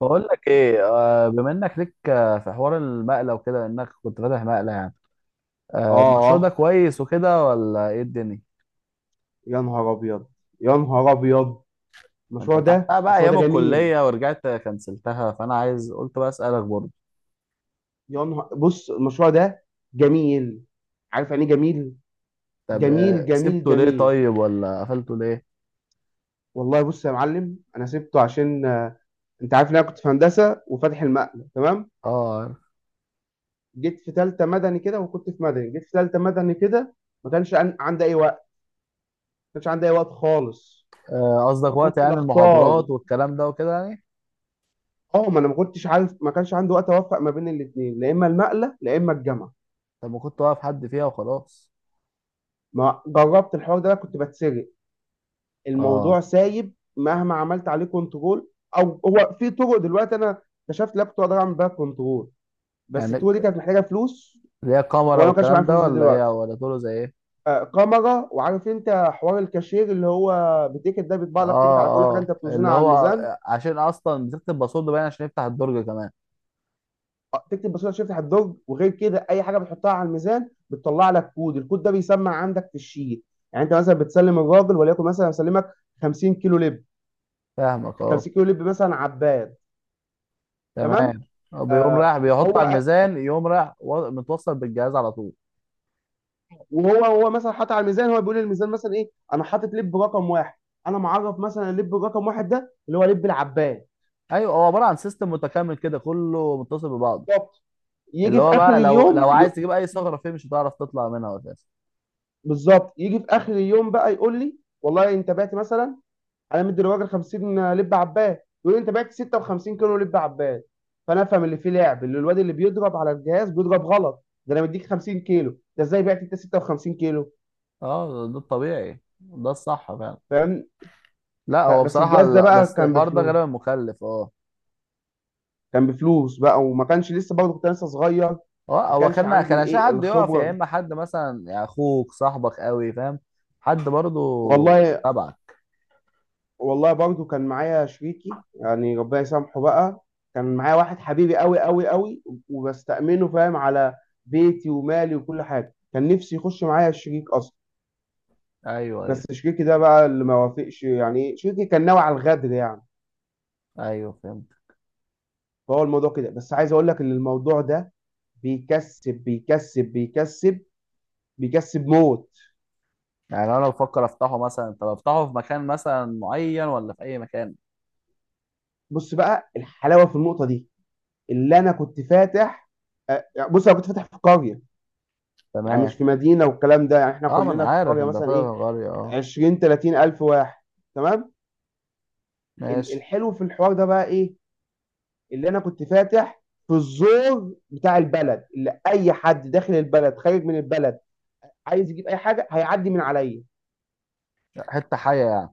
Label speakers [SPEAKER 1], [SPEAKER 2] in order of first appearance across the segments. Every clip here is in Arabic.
[SPEAKER 1] بقول لك ايه، بما انك ليك، في حوار المقله وكده انك كنت فاتح مقله يعني.
[SPEAKER 2] اه
[SPEAKER 1] المشروع ده
[SPEAKER 2] آه.
[SPEAKER 1] كويس وكده ولا ايه الدنيا؟
[SPEAKER 2] يا نهار ابيض، يا نهار ابيض
[SPEAKER 1] انت
[SPEAKER 2] المشروع ده،
[SPEAKER 1] فتحتها بقى ايام
[SPEAKER 2] جميل.
[SPEAKER 1] الكليه ورجعت كنسلتها، فانا عايز قلت بقى اسالك برضه.
[SPEAKER 2] يا نهار، بص المشروع ده جميل. عارف يعني ايه جميل؟
[SPEAKER 1] طب
[SPEAKER 2] جميل جميل
[SPEAKER 1] سبته ليه
[SPEAKER 2] جميل.
[SPEAKER 1] طيب، ولا قفلته ليه؟
[SPEAKER 2] والله بص يا معلم، انا سبته عشان انت عارف ان انا كنت في هندسه وفاتح المقله، تمام.
[SPEAKER 1] اه، عارف.
[SPEAKER 2] جيت في ثالثه مدني كده، وكنت في مدني جيت في ثالثه مدني كده. ما كانش عندي اي وقت ما كانش عندي اي وقت خالص.
[SPEAKER 1] قصدك وقت
[SPEAKER 2] فكنت
[SPEAKER 1] يعني
[SPEAKER 2] بختار.
[SPEAKER 1] المحاضرات والكلام ده وكده يعني.
[SPEAKER 2] اه، ما انا ما كنتش عارف، ما كانش عندي وقت اوفق ما بين الاثنين، لا اما المقله لا اما الجامعه.
[SPEAKER 1] طب ما كنت واقف حد فيها وخلاص؟
[SPEAKER 2] ما جربت الحوار ده؟ كنت بتسرق.
[SPEAKER 1] اه.
[SPEAKER 2] الموضوع سايب، مهما عملت عليه كنترول. او هو في طرق دلوقتي، انا اكتشفت لابتوب اقدر اعمل بيها كنترول، بس
[SPEAKER 1] يعني
[SPEAKER 2] الطرق دي كانت محتاجه فلوس،
[SPEAKER 1] ليها كاميرا
[SPEAKER 2] وانا ما كانش معايا
[SPEAKER 1] والكلام ده،
[SPEAKER 2] فلوس دي
[SPEAKER 1] ولا ايه،
[SPEAKER 2] دلوقتي.
[SPEAKER 1] ولا طوله زي ايه؟
[SPEAKER 2] آه، كاميرا، وعارف انت حوار الكاشير اللي هو بتيكت ده، بيطبع
[SPEAKER 1] اه،
[SPEAKER 2] لك تيكت على كل حاجه
[SPEAKER 1] اه،
[SPEAKER 2] انت بتوزنها
[SPEAKER 1] اللي
[SPEAKER 2] على
[SPEAKER 1] هو
[SPEAKER 2] الميزان.
[SPEAKER 1] عشان اصلا بزيادة الباسورد باين عشان يفتح الدرج كمان.
[SPEAKER 2] آه، تكتب بسيطه تفتح الدرج، وغير كده اي حاجه بتحطها على الميزان بتطلع لك كود، الكود ده بيسمع عندك في الشيت. يعني انت مثلا بتسلم الراجل، وليكن مثلا مسلمك 50 كيلو لب،
[SPEAKER 1] فاهمك. اه،
[SPEAKER 2] 50 كيلو لب مثلا عباد،
[SPEAKER 1] تمام.
[SPEAKER 2] تمام.
[SPEAKER 1] بيقوم
[SPEAKER 2] آه،
[SPEAKER 1] رايح بيحط
[SPEAKER 2] هو
[SPEAKER 1] على الميزان، يقوم رايح متوصل بالجهاز على طول.
[SPEAKER 2] وهو مثلا حاطط على الميزان، هو بيقول للميزان مثلا ايه، انا حاطط لب رقم واحد. انا معرف مثلا اللب رقم واحد ده اللي هو لب العباد.
[SPEAKER 1] ايوه، هو عباره عن سيستم متكامل كده، كله متصل ببعضه.
[SPEAKER 2] بالظبط.
[SPEAKER 1] اللي
[SPEAKER 2] يجي في
[SPEAKER 1] هو
[SPEAKER 2] اخر
[SPEAKER 1] بقى لو
[SPEAKER 2] اليوم ي...
[SPEAKER 1] عايز تجيب اي ثغره فيه مش هتعرف تطلع منها اساسا.
[SPEAKER 2] بالظبط، يجي في اخر اليوم بقى يقول لي والله انت بعت مثلا، انا مدي الراجل 50 لب عباد، يقول لي انت بعت 56 كيلو لب عباد. فانا افهم اللي فيه لعب، اللي الواد اللي بيضرب على الجهاز بيضرب غلط، ده انا مديك 50 كيلو، ده ازاي بعت انت 56 كيلو؟
[SPEAKER 1] اه، ده الطبيعي، ده الصح فعلا.
[SPEAKER 2] فاهم.
[SPEAKER 1] لا، هو
[SPEAKER 2] بس
[SPEAKER 1] بصراحه
[SPEAKER 2] الجهاز ده
[SPEAKER 1] لا،
[SPEAKER 2] بقى
[SPEAKER 1] بس
[SPEAKER 2] كان
[SPEAKER 1] الحوار ده
[SPEAKER 2] بفلوس،
[SPEAKER 1] غالبا مكلف، اه.
[SPEAKER 2] كان بفلوس بقى، وما كانش لسه، برضه كنت لسه صغير،
[SPEAKER 1] هو
[SPEAKER 2] ما
[SPEAKER 1] هو
[SPEAKER 2] كانش
[SPEAKER 1] كان
[SPEAKER 2] عندي
[SPEAKER 1] كان عشان
[SPEAKER 2] الايه،
[SPEAKER 1] حد يقف، يا
[SPEAKER 2] الخبره.
[SPEAKER 1] اما حد مثلا يعني اخوك صاحبك قوي، فاهم. حد برضو
[SPEAKER 2] والله،
[SPEAKER 1] تبعك.
[SPEAKER 2] والله برضه كان معايا شريكي يعني، ربنا يسامحه بقى. كان معايا واحد حبيبي قوي قوي قوي، وبستأمنه، فاهم، على بيتي ومالي وكل حاجه. كان نفسي يخش معايا الشريك اصلا،
[SPEAKER 1] ايوه، ايوه،
[SPEAKER 2] بس شريكي ده بقى اللي ما وافقش، يعني شريكي كان ناوي على الغدر يعني.
[SPEAKER 1] ايوه، فهمت.
[SPEAKER 2] فهو الموضوع كده. بس عايز اقول لك ان الموضوع ده بيكسب، بيكسب بيكسب، بيكسب موت.
[SPEAKER 1] يعني انا بفكر افتحه مثلا. طب افتحه في مكان مثلا معين ولا في اي مكان؟
[SPEAKER 2] بص بقى الحلاوه في النقطه دي، اللي انا كنت فاتح، آه، يعني بص، انا كنت فاتح في قريه، يعني مش
[SPEAKER 1] تمام.
[SPEAKER 2] في مدينه والكلام ده. يعني احنا
[SPEAKER 1] اه، ما انا
[SPEAKER 2] كلنا في
[SPEAKER 1] عارف
[SPEAKER 2] القريه
[SPEAKER 1] انت
[SPEAKER 2] مثلا
[SPEAKER 1] فاهم
[SPEAKER 2] ايه،
[SPEAKER 1] غالية، اه.
[SPEAKER 2] 20 30 الف واحد، تمام.
[SPEAKER 1] ماشي.
[SPEAKER 2] الحلو في الحوار ده بقى ايه؟ اللي انا كنت فاتح في الزور بتاع البلد، اللي اي حد داخل البلد خارج من البلد عايز يجيب اي حاجه هيعدي من عليا.
[SPEAKER 1] حته حيه يعني.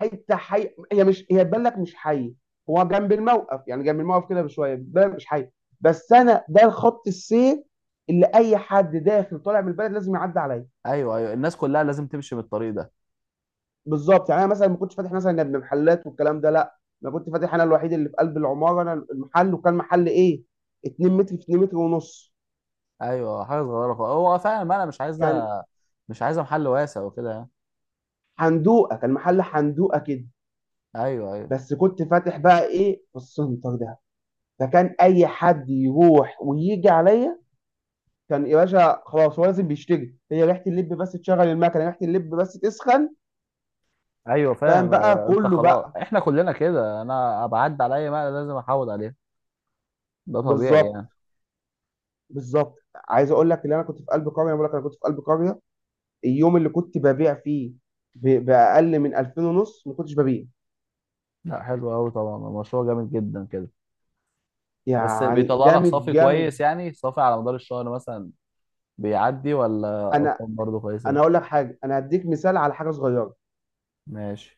[SPEAKER 2] حته حي، هي مش هي تبان لك مش حي، هو جنب الموقف، يعني جنب الموقف كده بشويه، بتبان لك مش حي. بس انا ده الخط السير، اللي اي حد داخل طالع من البلد لازم يعدي عليا.
[SPEAKER 1] ايوه، ايوه، الناس كلها لازم تمشي بالطريق ده.
[SPEAKER 2] بالظبط، يعني انا مثلا ما كنتش فاتح مثلا ابن محلات والكلام ده، لا، انا كنت فاتح، انا الوحيد اللي في قلب العماره. انا المحل، وكان محل ايه، 2 متر في 2 متر ونص.
[SPEAKER 1] ايوه، حاجه صغيره خالص، هو فعلا ما انا مش عايزه
[SPEAKER 2] كان
[SPEAKER 1] مش عايزه محل واسع وكده يعني.
[SPEAKER 2] حندوقه، كان محل حندوقه كده.
[SPEAKER 1] ايوه، ايوه،
[SPEAKER 2] بس كنت فاتح بقى ايه في السنتر ده، فكان اي حد يروح ويجي عليا. كان يا باشا خلاص، هو لازم بيشتري، هي ريحه اللب بس تشغل المكنه، ريحه اللب بس تسخن،
[SPEAKER 1] ايوه،
[SPEAKER 2] فاهم
[SPEAKER 1] فاهم.
[SPEAKER 2] بقى
[SPEAKER 1] انت
[SPEAKER 2] كله
[SPEAKER 1] خلاص
[SPEAKER 2] بقى.
[SPEAKER 1] احنا كلنا كده، انا بعدي على اي مقلة لازم احاول عليها. ده طبيعي
[SPEAKER 2] بالظبط،
[SPEAKER 1] يعني.
[SPEAKER 2] بالظبط. عايز اقول لك ان انا كنت في قلب قريه، بقول لك انا كنت في قلب قريه، اليوم اللي كنت ببيع فيه باقل من 2000 ونص ما كنتش ببيع،
[SPEAKER 1] لا، حلو قوي طبعا، المشروع جامد جدا كده. بس
[SPEAKER 2] يعني
[SPEAKER 1] بيطلع لك
[SPEAKER 2] جامد
[SPEAKER 1] صافي
[SPEAKER 2] جامد.
[SPEAKER 1] كويس يعني، صافي على مدار الشهر مثلا بيعدي، ولا
[SPEAKER 2] انا
[SPEAKER 1] ارقام برضه كويسه؟
[SPEAKER 2] انا اقول لك حاجه، انا هديك مثال على حاجه صغيره.
[SPEAKER 1] ماشي.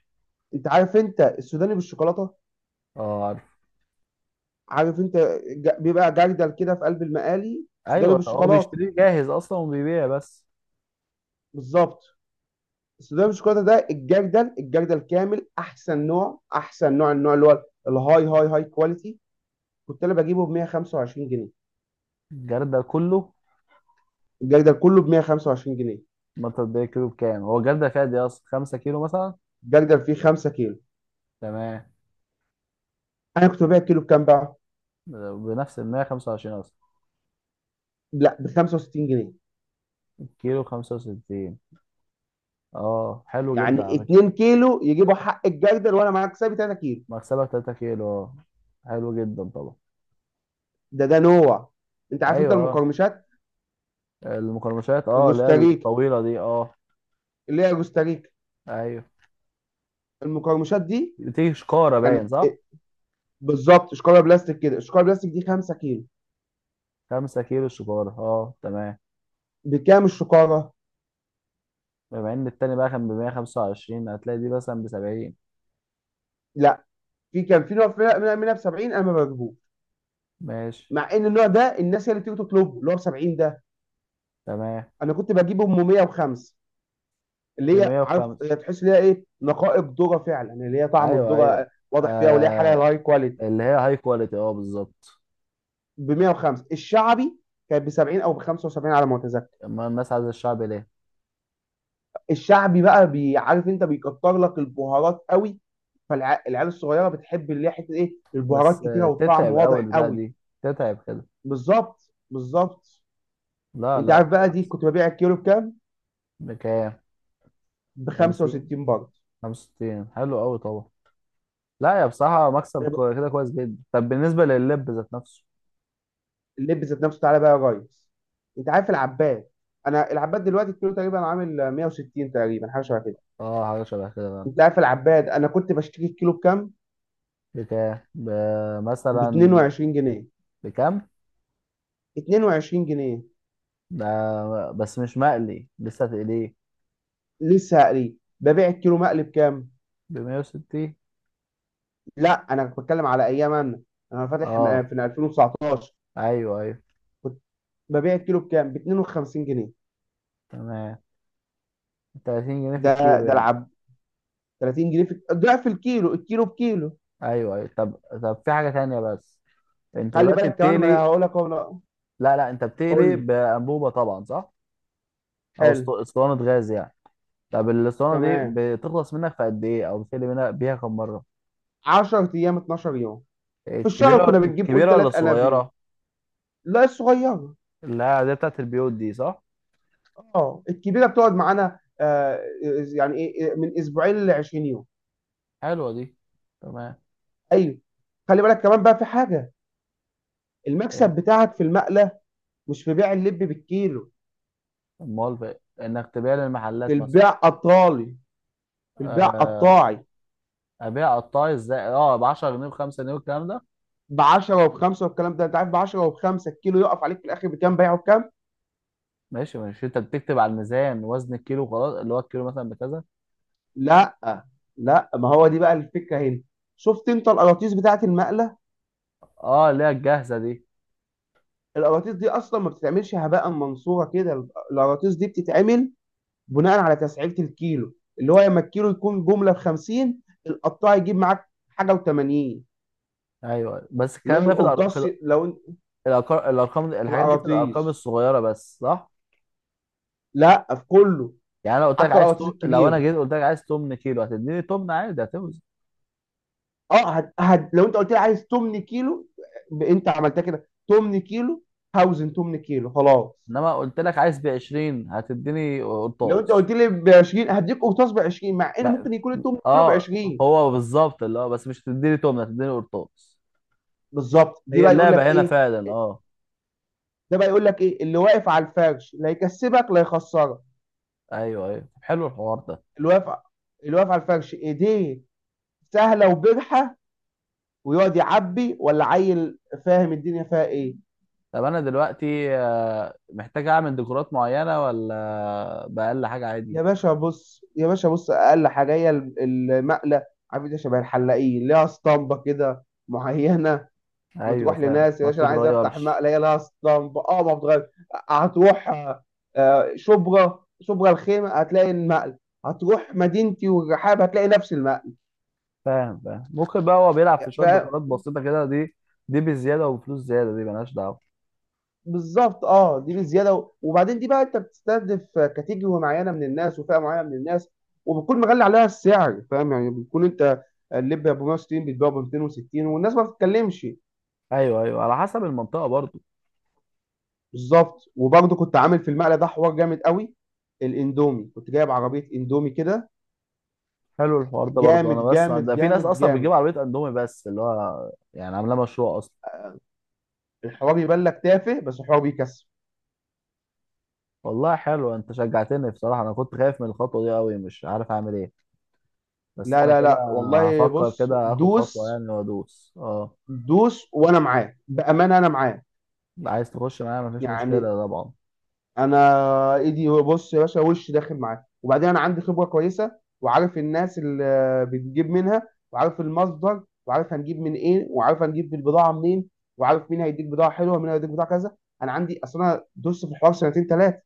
[SPEAKER 2] انت عارف انت السوداني بالشوكولاته؟
[SPEAKER 1] اه، عارف.
[SPEAKER 2] عارف انت، بيبقى جردل كده في قلب المقالي السوداني
[SPEAKER 1] ايوه، هو
[SPEAKER 2] بالشوكولاته.
[SPEAKER 1] بيشتريه جاهز اصلا وبيبيع بس.
[SPEAKER 2] بالظبط. السوداني بالشوكولاته ده، الجردل، الجردل كامل احسن نوع، احسن نوع، النوع اللي هو الهاي، هاي كواليتي، كنت انا بجيبه ب 125 جنيه.
[SPEAKER 1] الجردة كله؟
[SPEAKER 2] الجردل كله ب 125 جنيه،
[SPEAKER 1] ما تبقى كيلو بكام، هو الجردة فيها دي اصلا 5 كيلو مثلا؟
[SPEAKER 2] الجردل فيه 5 كيلو.
[SPEAKER 1] تمام.
[SPEAKER 2] انا كنت ببيع كيلو بكام بقى؟
[SPEAKER 1] بنفس ال 125 اصلا؟
[SPEAKER 2] لا، ب 65 جنيه.
[SPEAKER 1] كيلو 65؟ اه، حلو
[SPEAKER 2] يعني
[SPEAKER 1] جدا على.
[SPEAKER 2] 2 كيلو يجيبوا حق الجردل، وانا معاك سابي 3 كيلو.
[SPEAKER 1] مكسبك 3 كيلو، اه، حلو جدا طبعا.
[SPEAKER 2] ده ده نوع. انت عارف انت
[SPEAKER 1] ايوه، اه.
[SPEAKER 2] المقرمشات،
[SPEAKER 1] المقرمشات، اه، اللي هي
[SPEAKER 2] الروستاريكا،
[SPEAKER 1] الطويله دي، اه.
[SPEAKER 2] اللي هي روستاريكا،
[SPEAKER 1] ايوه،
[SPEAKER 2] المقرمشات دي
[SPEAKER 1] بتيجي شكاره باين
[SPEAKER 2] كانت
[SPEAKER 1] صح؟
[SPEAKER 2] إيه؟ بالظبط، شكاره بلاستيك كده، الشكاره بلاستيك دي 5 كيلو.
[SPEAKER 1] 5 كيلو شكاره، اه، تمام.
[SPEAKER 2] بكام الشكاره؟
[SPEAKER 1] بما ان التاني بقى كان ب 125، هتلاقي دي مثلا ب 70.
[SPEAKER 2] لا، كان في نوع منها، منها ب 70 انا ما بجيبوش،
[SPEAKER 1] ماشي.
[SPEAKER 2] مع ان النوع ده الناس هي اللي بتيجي تطلبه، اللي هو ب 70 ده.
[SPEAKER 1] تمام.
[SPEAKER 2] انا كنت بجيبه ب 105،
[SPEAKER 1] ب
[SPEAKER 2] اللي هي عارف،
[SPEAKER 1] 105.
[SPEAKER 2] هي تحس ان هي ايه، نقائق ذره فعلا، اللي هي طعم
[SPEAKER 1] ايوه،
[SPEAKER 2] الذره
[SPEAKER 1] ايوه،
[SPEAKER 2] واضح فيها، واللي هي حاجه
[SPEAKER 1] آه
[SPEAKER 2] هاي كواليتي.
[SPEAKER 1] اللي هي هاي كواليتي، اه، بالظبط.
[SPEAKER 2] ب 105 الشعبي كانت ب 70 او ب 75 على ما اتذكر.
[SPEAKER 1] اما الناس عايزه الشعب ليه؟
[SPEAKER 2] الشعبي بقى عارف انت بيكتر لك البهارات قوي، فالعيال الصغيره بتحب اللي هي حته ايه، البهارات
[SPEAKER 1] بس
[SPEAKER 2] كتيره والطعم
[SPEAKER 1] تتعب
[SPEAKER 2] واضح
[SPEAKER 1] اول بتاع
[SPEAKER 2] قوي.
[SPEAKER 1] دي، تتعب كده.
[SPEAKER 2] بالظبط، بالظبط.
[SPEAKER 1] لا،
[SPEAKER 2] انت
[SPEAKER 1] لا،
[SPEAKER 2] عارف بقى دي
[SPEAKER 1] بالعكس.
[SPEAKER 2] كنت ببيع الكيلو بكام؟
[SPEAKER 1] بكام؟
[SPEAKER 2] ب
[SPEAKER 1] 50؟
[SPEAKER 2] 65 برضه.
[SPEAKER 1] 65، حلو قوي طبعا. لا، يا بصراحة مكسب كده كويس جدا. طب بالنسبة لللب ذات نفسه.
[SPEAKER 2] اللب ذات نفسه، تعالى بقى يا ريس. انت عارف العباد، انا العباد دلوقتي الكيلو تقريبا عامل 160 تقريبا، حاجه شبه كده.
[SPEAKER 1] اه، حاجة شبه كده بقى.
[SPEAKER 2] انت عارف العباد انا كنت بشتري الكيلو بكام؟
[SPEAKER 1] بكام
[SPEAKER 2] ب
[SPEAKER 1] مثلا؟
[SPEAKER 2] 22 جنيه.
[SPEAKER 1] بكام؟
[SPEAKER 2] 22 جنيه
[SPEAKER 1] ده بس مش مقلي، لسه تقليه.
[SPEAKER 2] لسه هقريه. ببيع الكيلو مقلي بكام؟
[SPEAKER 1] ب 160،
[SPEAKER 2] لا، انا بتكلم على ايام، آه،
[SPEAKER 1] اه.
[SPEAKER 2] في 2019
[SPEAKER 1] ايوه، ايوه،
[SPEAKER 2] كنت ببيع الكيلو بكام؟ ب 52 جنيه.
[SPEAKER 1] تمام. 30 جنيه في
[SPEAKER 2] ده
[SPEAKER 1] الكيلو
[SPEAKER 2] ده
[SPEAKER 1] يعني.
[SPEAKER 2] العب، 30 جنيه في ضعف الكيلو، الكيلو بكيلو.
[SPEAKER 1] ايوه، ايوه. طب في حاجة تانية، بس انت
[SPEAKER 2] خلي
[SPEAKER 1] دلوقتي
[SPEAKER 2] بالك كمان، ما انا
[SPEAKER 1] بتقلي.
[SPEAKER 2] هقول لك اهو. لا،
[SPEAKER 1] لا، لا، انت
[SPEAKER 2] قول
[SPEAKER 1] بتقلي
[SPEAKER 2] لي.
[SPEAKER 1] بأنبوبة طبعا صح؟ او
[SPEAKER 2] حلو،
[SPEAKER 1] اسطوانة غاز يعني. طب الاسطوانة دي
[SPEAKER 2] تمام.
[SPEAKER 1] بتخلص منك في قد ايه، او بتقلي منها بيها كم مرة؟
[SPEAKER 2] 10 ايام 12 يوم، في الشهر
[SPEAKER 1] الكبيرة
[SPEAKER 2] كنا بنجيب قول
[SPEAKER 1] الكبيرة ولا
[SPEAKER 2] ثلاث انابيب.
[SPEAKER 1] الصغيرة؟
[SPEAKER 2] لا الصغيره،
[SPEAKER 1] لا دي بتاعت البيوت دي صح؟
[SPEAKER 2] اه الكبيره بتقعد معانا، آه يعني ايه، من اسبوعين ل 20 يوم.
[SPEAKER 1] حلوة دي. تمام.
[SPEAKER 2] ايوه. خلي بالك كمان بقى في حاجه،
[SPEAKER 1] ايه؟
[SPEAKER 2] المكسب بتاعك في المقلة مش في بيع اللب بالكيلو،
[SPEAKER 1] امال بقى انك تبيع
[SPEAKER 2] في
[SPEAKER 1] للمحلات مثلا؟
[SPEAKER 2] البيع قطالي في البيع
[SPEAKER 1] آه
[SPEAKER 2] قطاعي.
[SPEAKER 1] ابيع قطاعي ازاي؟ اه، ب 10 جنيه ب 5 جنيه والكلام ده.
[SPEAKER 2] ب 10 وب5 والكلام ده، انت عارف ب 10 وب5 الكيلو يقف عليك في الاخر بكام، بيعه بكام؟
[SPEAKER 1] ماشي، ماشي، انت بتكتب على الميزان وزن الكيلو وخلاص، اللي هو الكيلو مثلا بكذا.
[SPEAKER 2] لا لا، ما هو دي بقى الفكره هنا. شفت انت القراطيس بتاعه المقله؟
[SPEAKER 1] اه، اللي هي الجاهزة دي.
[SPEAKER 2] القراطيس دي اصلا ما بتتعملش هباء منصوره كده، القراطيس دي بتتعمل بناء على تسعيره الكيلو، اللي هو لما الكيلو يكون جمله ب 50، القطاع يجيب معاك حاجه و80، اللي
[SPEAKER 1] ايوه، بس
[SPEAKER 2] هو
[SPEAKER 1] الكلام ده في
[SPEAKER 2] القرطاس
[SPEAKER 1] في
[SPEAKER 2] لو
[SPEAKER 1] الارقام
[SPEAKER 2] في
[SPEAKER 1] الحاجات دي في الارقام
[SPEAKER 2] القراطيس.
[SPEAKER 1] الصغيرة بس، صح؟
[SPEAKER 2] لا في كله،
[SPEAKER 1] يعني انا قلت لك
[SPEAKER 2] حتى القراطيس
[SPEAKER 1] لو انا
[SPEAKER 2] الكبير.
[SPEAKER 1] جيت قلت لك عايز تمن كيلو، هتديني تمن عادي، هتوزن.
[SPEAKER 2] اه لو انت قلت لي عايز 8 كيلو، انت عملتها كده 8 كيلو، هوزن 8 كيلو خلاص.
[SPEAKER 1] انما قلت لك عايز ب 20، هتديني
[SPEAKER 2] لو انت
[SPEAKER 1] قرطاس.
[SPEAKER 2] قلت لي ب 20، هديك قرطاس ب 20، مع ان
[SPEAKER 1] ما-
[SPEAKER 2] ممكن يكون ال 8 كيلو ب
[SPEAKER 1] اه،
[SPEAKER 2] 20.
[SPEAKER 1] هو بالظبط اللي هو، بس مش هتديني تمنه، هتديني قرطاس.
[SPEAKER 2] بالظبط. دي
[SPEAKER 1] هي
[SPEAKER 2] بقى يقول لك
[SPEAKER 1] اللعبه هنا
[SPEAKER 2] ايه،
[SPEAKER 1] فعلا، اه.
[SPEAKER 2] ده بقى يقول لك ايه، اللي واقف على الفرش لا يكسبك لا يخسرك.
[SPEAKER 1] ايوه، ايوه، طب حلو الحوار ده.
[SPEAKER 2] اللي واقف اللي واقف على الفرش ايديه سهله وبرحه، ويقعد يعبي ولا عيل فاهم الدنيا فيها ايه.
[SPEAKER 1] طب انا دلوقتي محتاج اعمل ديكورات معينه، ولا باقل حاجه عادي؟
[SPEAKER 2] يا باشا بص، يا باشا بص، اقل حاجه هي المقله. عارف انت، شبه الحلاقين، ليها اسطمبه كده معينه.
[SPEAKER 1] ايوه،
[SPEAKER 2] بتروح
[SPEAKER 1] فاهم،
[SPEAKER 2] لناس يا
[SPEAKER 1] ما
[SPEAKER 2] باشا، انا عايز افتح
[SPEAKER 1] بتتغيرش.
[SPEAKER 2] مقله، هي لها اسطمبه اه، ما بتغير. هتروح آه، شبرا الخيمه هتلاقي المقله، هتروح مدينتي والرحاب هتلاقي نفس
[SPEAKER 1] فاهم، فاهم، ممكن بقى هو بيلعب في شويه
[SPEAKER 2] المقله.
[SPEAKER 1] ديكورات بسيطه كده دي. دي بزياده وفلوس زياده، دي ملهاش دعوه.
[SPEAKER 2] بالظبط. اه، دي بزياده وبعدين دي بقى، انت بتستهدف كاتيجوري معينه من الناس وفئه معينه من الناس، وبتكون مغلي عليها السعر، فاهم يعني، بتكون انت اللب ب 160 بتبيعه ب 260 والناس ما بتتكلمش.
[SPEAKER 1] ايوه، ايوه، على حسب المنطقه برضه.
[SPEAKER 2] بالظبط. وبرضه كنت عامل في المقلة ده حوار جامد قوي، الاندومي، كنت جايب عربيه اندومي كده.
[SPEAKER 1] حلو الحوار ده برضه،
[SPEAKER 2] جامد
[SPEAKER 1] انا بسمع
[SPEAKER 2] جامد
[SPEAKER 1] ده، في ناس
[SPEAKER 2] جامد
[SPEAKER 1] اصلا بتجيب
[SPEAKER 2] جامد.
[SPEAKER 1] عربيه اندومي بس اللي هو يعني عاملاه مشروع اصلا.
[SPEAKER 2] الحوار يبان لك تافه، بس الحوار بيكسب.
[SPEAKER 1] والله حلو، انت شجعتني بصراحه، انا كنت خايف من الخطوه دي قوي، مش عارف اعمل ايه. بس
[SPEAKER 2] لا
[SPEAKER 1] انا
[SPEAKER 2] لا
[SPEAKER 1] كده
[SPEAKER 2] لا، والله
[SPEAKER 1] هفكر
[SPEAKER 2] بص
[SPEAKER 1] كده اخد خطوه
[SPEAKER 2] دوس،
[SPEAKER 1] يعني وادوس، اه.
[SPEAKER 2] دوس وانا معاك، بامانه انا معاك.
[SPEAKER 1] عايز تخش معايا؟ مفيش
[SPEAKER 2] يعني
[SPEAKER 1] مشكله طبعا.
[SPEAKER 2] انا ايدي هو، بص يا باشا، وش داخل معاه، وبعدين انا عندي خبره كويسه، وعارف الناس اللي بتجيب منها، وعارف المصدر، وعارف هنجيب من ايه، وعارف هنجيب البضاعه منين، وعارف مين هيديك بضاعه حلوه ومين هيديك بضاعه كذا. انا عندي اصل، انا دوست في الحوار سنتين ثلاثه.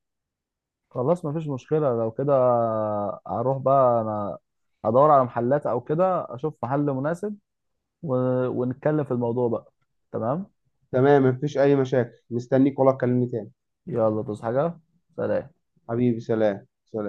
[SPEAKER 1] خلاص مفيش مشكله لو كده. هروح بقى انا هدور على محلات او كده اشوف محل مناسب، و... ونتكلم في الموضوع بقى. تمام.
[SPEAKER 2] تمام، مفيش اي مشاكل، مستنيك والله، تكلمني تاني.
[SPEAKER 1] يلا، تصحى حاجه. سلام.
[SPEAKER 2] حبيبي، سلام سلام.